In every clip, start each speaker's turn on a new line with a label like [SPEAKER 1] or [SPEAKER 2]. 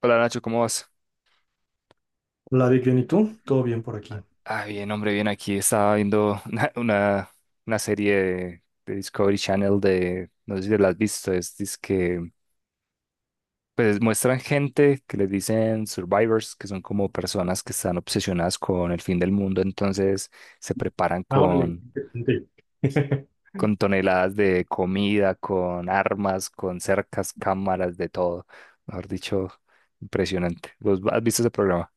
[SPEAKER 1] Hola, Nacho, ¿cómo vas?
[SPEAKER 2] La Vic, bien, ¿y tú? Todo bien por aquí.
[SPEAKER 1] Ah, bien, hombre, bien. Aquí estaba viendo una serie de Discovery Channel, de, no sé si la has visto, es que pues muestran gente que les dicen survivors, que son como personas que están obsesionadas con el fin del mundo. Entonces se preparan
[SPEAKER 2] Ah, órale, qué interesante.
[SPEAKER 1] con toneladas de comida, con armas, con cercas, cámaras, de todo. Mejor dicho, impresionante. ¿Vos has visto ese programa?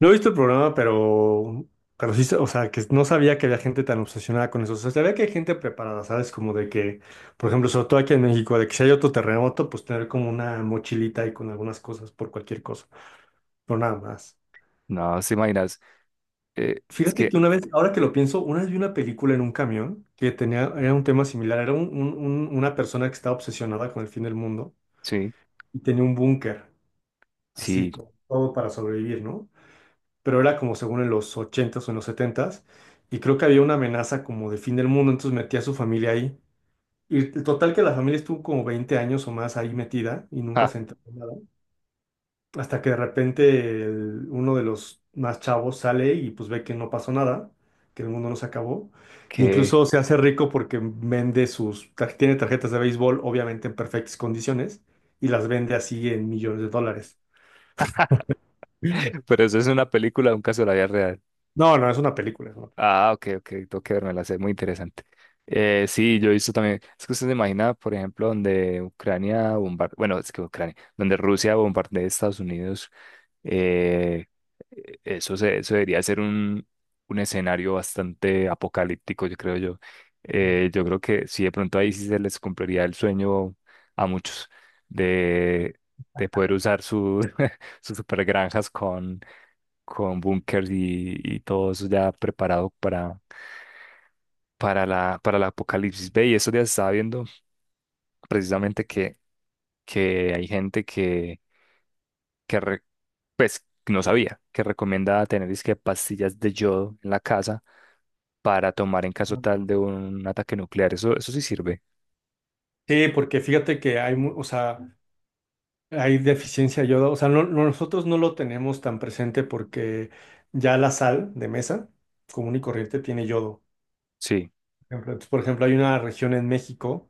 [SPEAKER 2] No he visto el programa, pero sí, o sea, que no sabía que había gente tan obsesionada con eso. O sea, sabía que hay gente preparada, ¿sabes? Como de que, por ejemplo, sobre todo aquí en México, de que si hay otro terremoto, pues tener como una mochilita y con algunas cosas por cualquier cosa, pero nada más.
[SPEAKER 1] No, se imaginas. Es
[SPEAKER 2] Fíjate que
[SPEAKER 1] que,
[SPEAKER 2] una vez, ahora que lo pienso, una vez vi una película en un camión que tenía, era un tema similar, era una persona que estaba obsesionada con el fin del mundo
[SPEAKER 1] sí.
[SPEAKER 2] y tenía un búnker, así,
[SPEAKER 1] Sí.
[SPEAKER 2] como todo para sobrevivir, ¿no? Pero era como según en los ochentas o en los setentas y creo que había una amenaza como de fin del mundo, entonces metía a su familia ahí. Y el total que la familia estuvo como 20 años o más ahí metida y nunca
[SPEAKER 1] Ah,
[SPEAKER 2] se enteró de nada, hasta que de repente uno de los más chavos sale y pues ve que no pasó nada, que el mundo no se acabó.
[SPEAKER 1] qué.
[SPEAKER 2] Incluso se hace rico porque vende tiene tarjetas de béisbol, obviamente en perfectas condiciones, y las vende así en millones de dólares. Mm.
[SPEAKER 1] Pero, ¿eso es una película, un caso de la vida real?
[SPEAKER 2] No, no, es una película. es una
[SPEAKER 1] Ah, ok, ok, tengo que verme la sé, muy interesante. Sí, yo he visto también, es que usted se imagina, por ejemplo, donde Ucrania bombardea, bueno, es que Ucrania, donde Rusia bombardea a Estados Unidos, eh, eso, se, eso debería ser un escenario bastante apocalíptico, yo creo yo. Yo creo que sí, de pronto ahí sí se les cumpliría el sueño a muchos de, de poder usar su, sus supergranjas con búnkers y todo eso ya preparado para la, para el apocalipsis. Ve, y esos días estaba viendo precisamente que hay gente que re-, pues, no sabía, que recomienda tener es que pastillas de yodo en la casa para tomar en caso
[SPEAKER 2] película.
[SPEAKER 1] tal de un ataque nuclear. Eso sí sirve.
[SPEAKER 2] Sí, porque fíjate que hay, o sea, hay deficiencia de yodo. O sea, nosotros no lo tenemos tan presente porque ya la sal de mesa común y corriente tiene yodo.
[SPEAKER 1] Sí,
[SPEAKER 2] Por ejemplo, entonces, por ejemplo, hay una región en México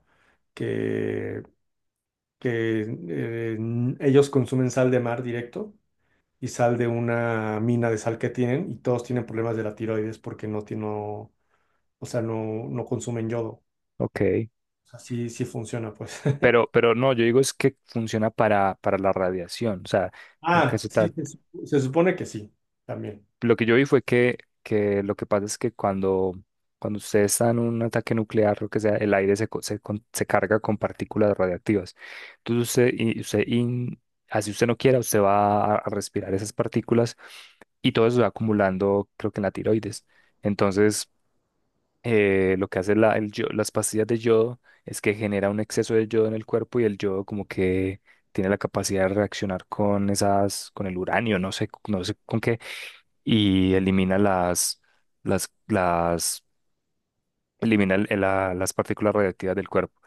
[SPEAKER 2] que, que ellos consumen sal de mar directo y sal de una mina de sal que tienen y todos tienen problemas de la tiroides porque no, o sea, no, no consumen yodo.
[SPEAKER 1] ok.
[SPEAKER 2] O sea, sí, sí funciona, pues.
[SPEAKER 1] Pero no, yo digo es que funciona para la radiación. O sea, en
[SPEAKER 2] Ah,
[SPEAKER 1] caso
[SPEAKER 2] sí,
[SPEAKER 1] tal.
[SPEAKER 2] se supone que sí, también.
[SPEAKER 1] Lo que yo vi fue que lo que pasa es que cuando, cuando usted está en un ataque nuclear, lo que sea, el aire se, co- se, con- se carga con partículas radiactivas. Entonces usted, y- usted in- así usted no quiera, usted va a respirar esas partículas y todo eso se va acumulando, creo que en la tiroides. Entonces, lo que hace la, el yo- las pastillas de yodo es que genera un exceso de yodo en el cuerpo y el yodo como que tiene la capacidad de reaccionar con esas, con el uranio, no sé, no sé con qué, y elimina las, elimina el- la- las partículas radiactivas del cuerpo.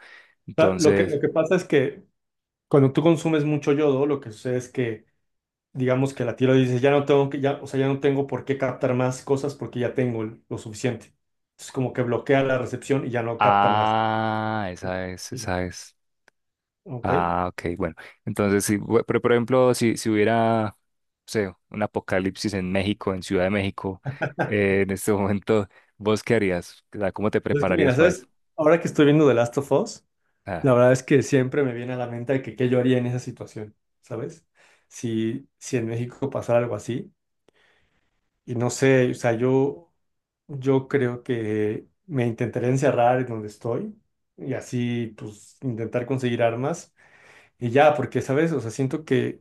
[SPEAKER 2] sea, Lo que,
[SPEAKER 1] Entonces,
[SPEAKER 2] lo que pasa es que cuando tú consumes mucho yodo, lo que sucede es que, digamos que la tiroides dice, ya no tengo que, ya, o sea, ya no tengo por qué captar más cosas porque ya tengo lo suficiente. Entonces, como que bloquea la recepción y ya no capta más.
[SPEAKER 1] ah, esa es,
[SPEAKER 2] Sí.
[SPEAKER 1] esa es.
[SPEAKER 2] Ok.
[SPEAKER 1] Ah, ok, bueno. Entonces, sí, bu- pero por ejemplo, si, si hubiera, no sé, un apocalipsis en México, en Ciudad de México, en este momento, ¿vos qué harías? O sea, ¿cómo te
[SPEAKER 2] Pues es que mira,
[SPEAKER 1] prepararías para eso?
[SPEAKER 2] ¿sabes? Ahora que estoy viendo The Last of Us,
[SPEAKER 1] Ah,
[SPEAKER 2] la verdad es que siempre me viene a la mente de que qué yo haría en esa situación, ¿sabes? Si en México pasara algo así. Y no sé, o sea, yo creo que me intentaré encerrar en donde estoy y así, pues, intentar conseguir armas y ya, porque, ¿sabes? O sea, siento que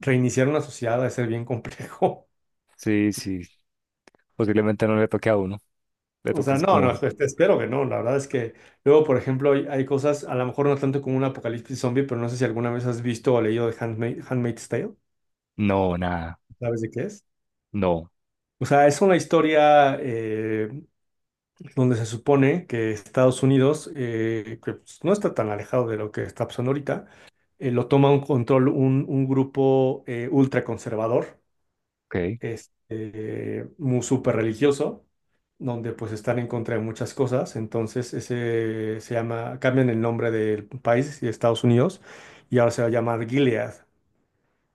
[SPEAKER 2] reiniciar una sociedad debe ser bien complejo.
[SPEAKER 1] sí, sí, posiblemente no le toque a uno, le
[SPEAKER 2] O sea,
[SPEAKER 1] toques
[SPEAKER 2] no, no,
[SPEAKER 1] como,
[SPEAKER 2] espero que no. La verdad es que luego, por ejemplo, hay cosas, a lo mejor no tanto como un apocalipsis zombie, pero no sé si alguna vez has visto o leído de Handmaid's Tale.
[SPEAKER 1] no, nada,
[SPEAKER 2] ¿Sabes de qué es?
[SPEAKER 1] no,
[SPEAKER 2] O sea, es una historia donde se supone que Estados Unidos, que pues, no está tan alejado de lo que está pasando ahorita, lo toma un control, un grupo ultraconservador,
[SPEAKER 1] ok,
[SPEAKER 2] este, muy súper religioso, donde pues están en contra de muchas cosas. Entonces, ese se llama, cambian el nombre del país y de Estados Unidos, y ahora se va a llamar Gilead.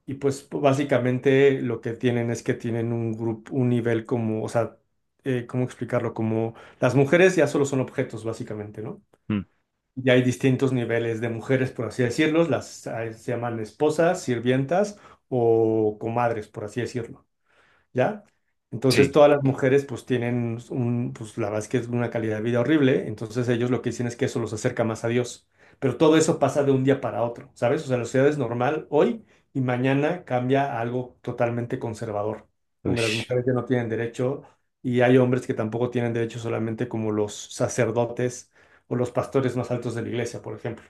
[SPEAKER 2] Y pues básicamente lo que tienen es que tienen un grupo, un nivel como, o sea, ¿cómo explicarlo? Como las mujeres ya solo son objetos, básicamente, ¿no?
[SPEAKER 1] mm,
[SPEAKER 2] Ya hay distintos niveles de mujeres, por así decirlo, las se llaman esposas, sirvientas o comadres, por así decirlo. ¿Ya?
[SPEAKER 1] sí,
[SPEAKER 2] Entonces todas las mujeres pues tienen un, pues la verdad es que es una calidad de vida horrible, entonces ellos lo que dicen es que eso los acerca más a Dios, pero todo eso pasa de un día para otro, ¿sabes? O sea, la sociedad es normal hoy y mañana cambia a algo totalmente conservador, donde las
[SPEAKER 1] ush.
[SPEAKER 2] mujeres ya no tienen derecho y hay hombres que tampoco tienen derecho solamente como los sacerdotes o los pastores más altos de la iglesia, por ejemplo.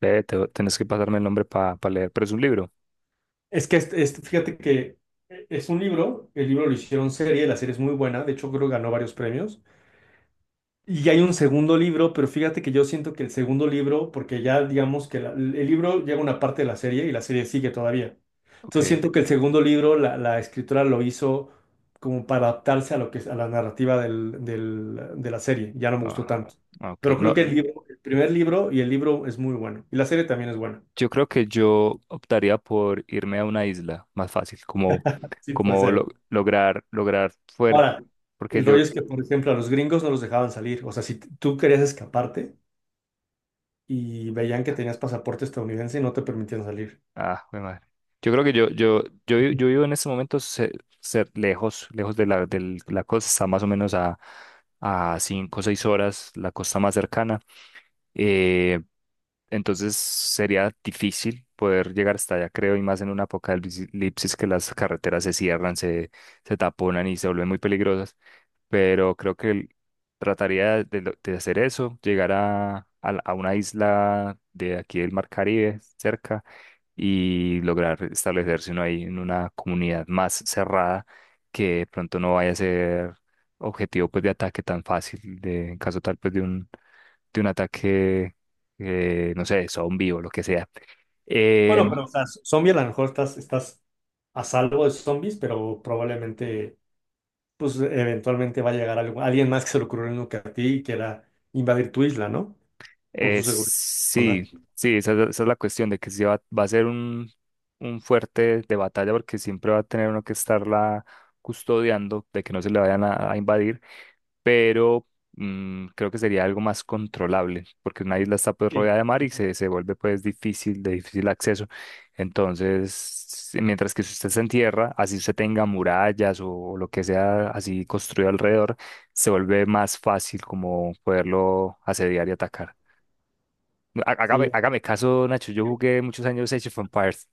[SPEAKER 1] Ve, te- tenés que pasarme el nombre para leer, pero ¿es un libro?
[SPEAKER 2] Es que este fíjate que es un libro, el libro lo hicieron serie, la serie es muy buena, de hecho creo que ganó varios premios. Y hay un segundo libro, pero fíjate que yo siento que el segundo libro, porque ya digamos que el libro llega a una parte de la serie y la serie sigue todavía. Entonces
[SPEAKER 1] Ok.
[SPEAKER 2] siento que el segundo libro, la escritora lo hizo como para adaptarse a lo que a la narrativa de la serie. Ya no me gustó
[SPEAKER 1] Ah,
[SPEAKER 2] tanto.
[SPEAKER 1] ah, ok.
[SPEAKER 2] Pero creo que el
[SPEAKER 1] No,
[SPEAKER 2] libro, el primer libro y el libro es muy bueno. Y la serie también es buena.
[SPEAKER 1] yo creo que yo optaría por irme a una isla más fácil, como,
[SPEAKER 2] Sí, puede
[SPEAKER 1] como
[SPEAKER 2] ser.
[SPEAKER 1] lo- lograr, lograr fuer-
[SPEAKER 2] Ahora,
[SPEAKER 1] porque
[SPEAKER 2] el
[SPEAKER 1] yo,
[SPEAKER 2] rollo es que, por ejemplo, a los gringos no los dejaban salir. O sea, si tú querías escaparte y veían que tenías pasaporte estadounidense, no te permitían salir.
[SPEAKER 1] ah, jue madre. Yo creo que yo, vi- yo vivo en este momento ce- cer- lejos, lejos de la, del- la costa, más o menos a cinco o seis horas, la costa más cercana. Eh, Entonces sería difícil poder llegar hasta allá, creo, y más en una apocalipsis que las carreteras se cierran, se taponan y se vuelven muy peligrosas. Pero creo que el- trataría de, lo- de hacer eso, llegar a, la- a una isla de aquí del Mar Caribe, cerca, y lograr establecerse uno ahí en una comunidad más cerrada, que de pronto no vaya a ser objetivo pues, de ataque tan fácil, de, en caso tal pues, de un ataque, no sé, zombie o lo que sea. Eh,
[SPEAKER 2] Bueno, pero o sea, zombie a lo mejor estás a salvo de zombies, pero probablemente, pues eventualmente va a llegar alguien más que se le ocurrió lo que a ti y quiera invadir tu isla, ¿no? Por su seguridad
[SPEAKER 1] sí,
[SPEAKER 2] personal.
[SPEAKER 1] sí, esa es la cuestión de que sí va, va a ser un fuerte de batalla porque siempre va a tener uno que estarla custodiando de que no se le vayan a invadir. Pero mm, creo que sería algo más controlable, porque una isla está pues
[SPEAKER 2] Sí,
[SPEAKER 1] rodeada de mar y se vuelve pues difícil, de difícil acceso. Entonces, si- mientras que si usted se entierra, así usted tenga murallas o, lo que sea así construido alrededor, se vuelve más fácil como poderlo asediar y atacar. Há- Hágame,
[SPEAKER 2] sí.
[SPEAKER 1] hágame caso, Nacho, yo jugué muchos años Age of Empires.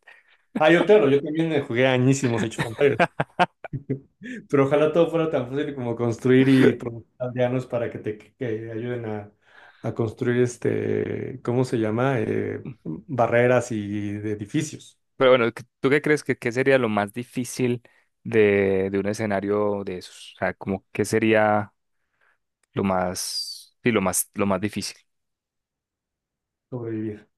[SPEAKER 2] Ah, yo claro, yo también me jugué añísimos Age of Empires, pero ojalá todo fuera tan fácil como construir y producir aldeanos para que te que ayuden a construir este, ¿cómo se llama? Barreras y de edificios,
[SPEAKER 1] Pero bueno, ¿qué- ¿tú qué crees que qué sería lo más difícil de un escenario de esos? O sea, ¿como qué sería lo más, sí, lo más difícil,
[SPEAKER 2] sobrevivir.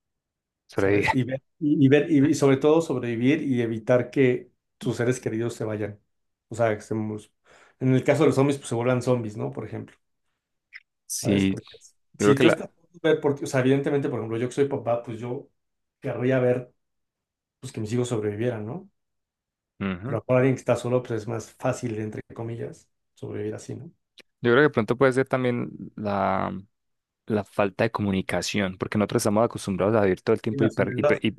[SPEAKER 1] sobrevivir?
[SPEAKER 2] ¿Sabes? Y ver, y ver, y sobre todo sobrevivir y evitar que tus seres queridos se vayan. O sea, que en el caso de los zombies, pues se vuelvan zombies, ¿no? Por ejemplo, ¿sabes?
[SPEAKER 1] Sí,
[SPEAKER 2] Porque
[SPEAKER 1] yo creo
[SPEAKER 2] si
[SPEAKER 1] que
[SPEAKER 2] tú estás
[SPEAKER 1] la,
[SPEAKER 2] ver por ti, o sea, evidentemente, por ejemplo, yo que soy papá, pues yo querría ver pues que mis hijos sobrevivieran, ¿no?
[SPEAKER 1] ujú.
[SPEAKER 2] Pero a lo mejor alguien que está solo, pues es más fácil, entre comillas, sobrevivir así, ¿no?
[SPEAKER 1] Yo creo que pronto puede ser también la, la falta de comunicación, porque nosotros estamos acostumbrados a vivir todo el
[SPEAKER 2] Y
[SPEAKER 1] tiempo
[SPEAKER 2] la
[SPEAKER 1] hiper,
[SPEAKER 2] soledad.
[SPEAKER 1] hiper- hi-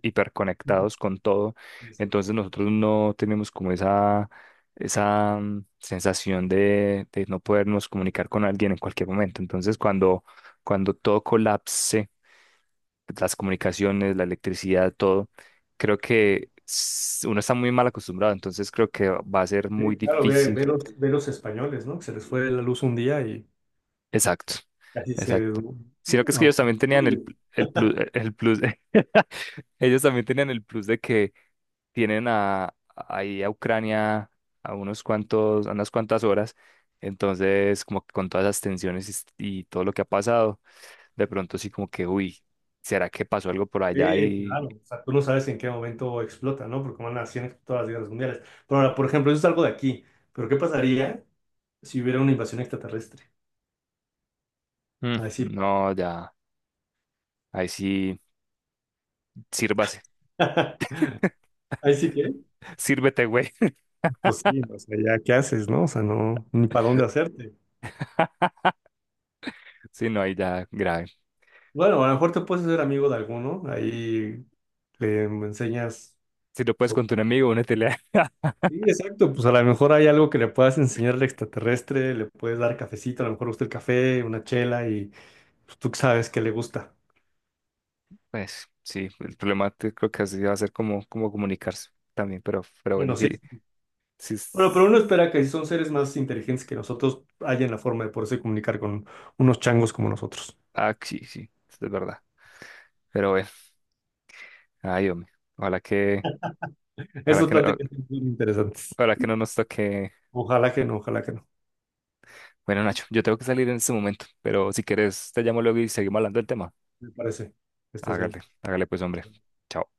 [SPEAKER 1] hiperconectados con todo,
[SPEAKER 2] Exacto.
[SPEAKER 1] entonces nosotros no tenemos como esa mm, sensación de no podernos comunicar con alguien en cualquier momento. Entonces, cuando, cuando todo colapse, las comunicaciones, la electricidad, todo. Creo que s- uno está muy mal acostumbrado, entonces creo que va a ser muy
[SPEAKER 2] Sí, claro,
[SPEAKER 1] difícil.
[SPEAKER 2] ve los españoles, ¿no? Que se les fue la luz un día y
[SPEAKER 1] Exacto,
[SPEAKER 2] casi se...
[SPEAKER 1] exacto. Sino que es que ellos también tenían el, pl- el plus, ellos también tenían el plus de que tienen a, ahí a Ucrania a unos cuantos, a unas cuantas horas, entonces como que con todas las tensiones y, s- y todo lo que ha pasado, de pronto sí como que, uy, ¿será que pasó algo por allá?
[SPEAKER 2] Sí,
[SPEAKER 1] Y
[SPEAKER 2] claro. O sea, tú no sabes en qué momento explota, ¿no? Porque van así en todas las guerras mundiales. Pero ahora, por ejemplo, eso es algo de aquí. Pero ¿qué pasaría si hubiera una invasión extraterrestre?
[SPEAKER 1] mm,
[SPEAKER 2] Ahí sí.
[SPEAKER 1] no, ya. Ahí sí, sírvase.
[SPEAKER 2] Ahí sí que.
[SPEAKER 1] Sírvete, güey.
[SPEAKER 2] Pues sí, o sea, ya, ¿qué haces, no? O sea, no, ni para dónde hacerte.
[SPEAKER 1] Sí, no, ahí ya grave.
[SPEAKER 2] Bueno, a lo mejor te puedes hacer amigo de alguno. Ahí le enseñas
[SPEAKER 1] Si no puedes
[SPEAKER 2] sobre.
[SPEAKER 1] con tu enemigo, únetele.
[SPEAKER 2] Sí, exacto. Pues a lo mejor hay algo que le puedas enseñar al extraterrestre. Le puedes dar cafecito, a lo mejor le gusta el café, una chela y pues, tú sabes que le gusta.
[SPEAKER 1] Pues sí, el problema te- creo que así va a ser como, como comunicarse también, pero bueno,
[SPEAKER 2] Bueno,
[SPEAKER 1] sí,
[SPEAKER 2] sí.
[SPEAKER 1] sí,
[SPEAKER 2] Bueno, pero
[SPEAKER 1] es-
[SPEAKER 2] uno espera que si son seres más inteligentes que nosotros, hayan la forma de poderse comunicar con unos changos como nosotros.
[SPEAKER 1] ah, sí, sí, eso es verdad. Pero bueno, ay, hombre, ojalá que, ojalá
[SPEAKER 2] Esas
[SPEAKER 1] que, no-
[SPEAKER 2] pláticas son muy interesantes.
[SPEAKER 1] ojalá que no nos toque.
[SPEAKER 2] Ojalá que no, ojalá que no.
[SPEAKER 1] Bueno, Nacho, yo tengo que salir en este momento, pero si quieres, te llamo luego y seguimos hablando del tema.
[SPEAKER 2] Me parece. Que estés
[SPEAKER 1] Hágale,
[SPEAKER 2] bien.
[SPEAKER 1] hágale pues, hombre. Chao.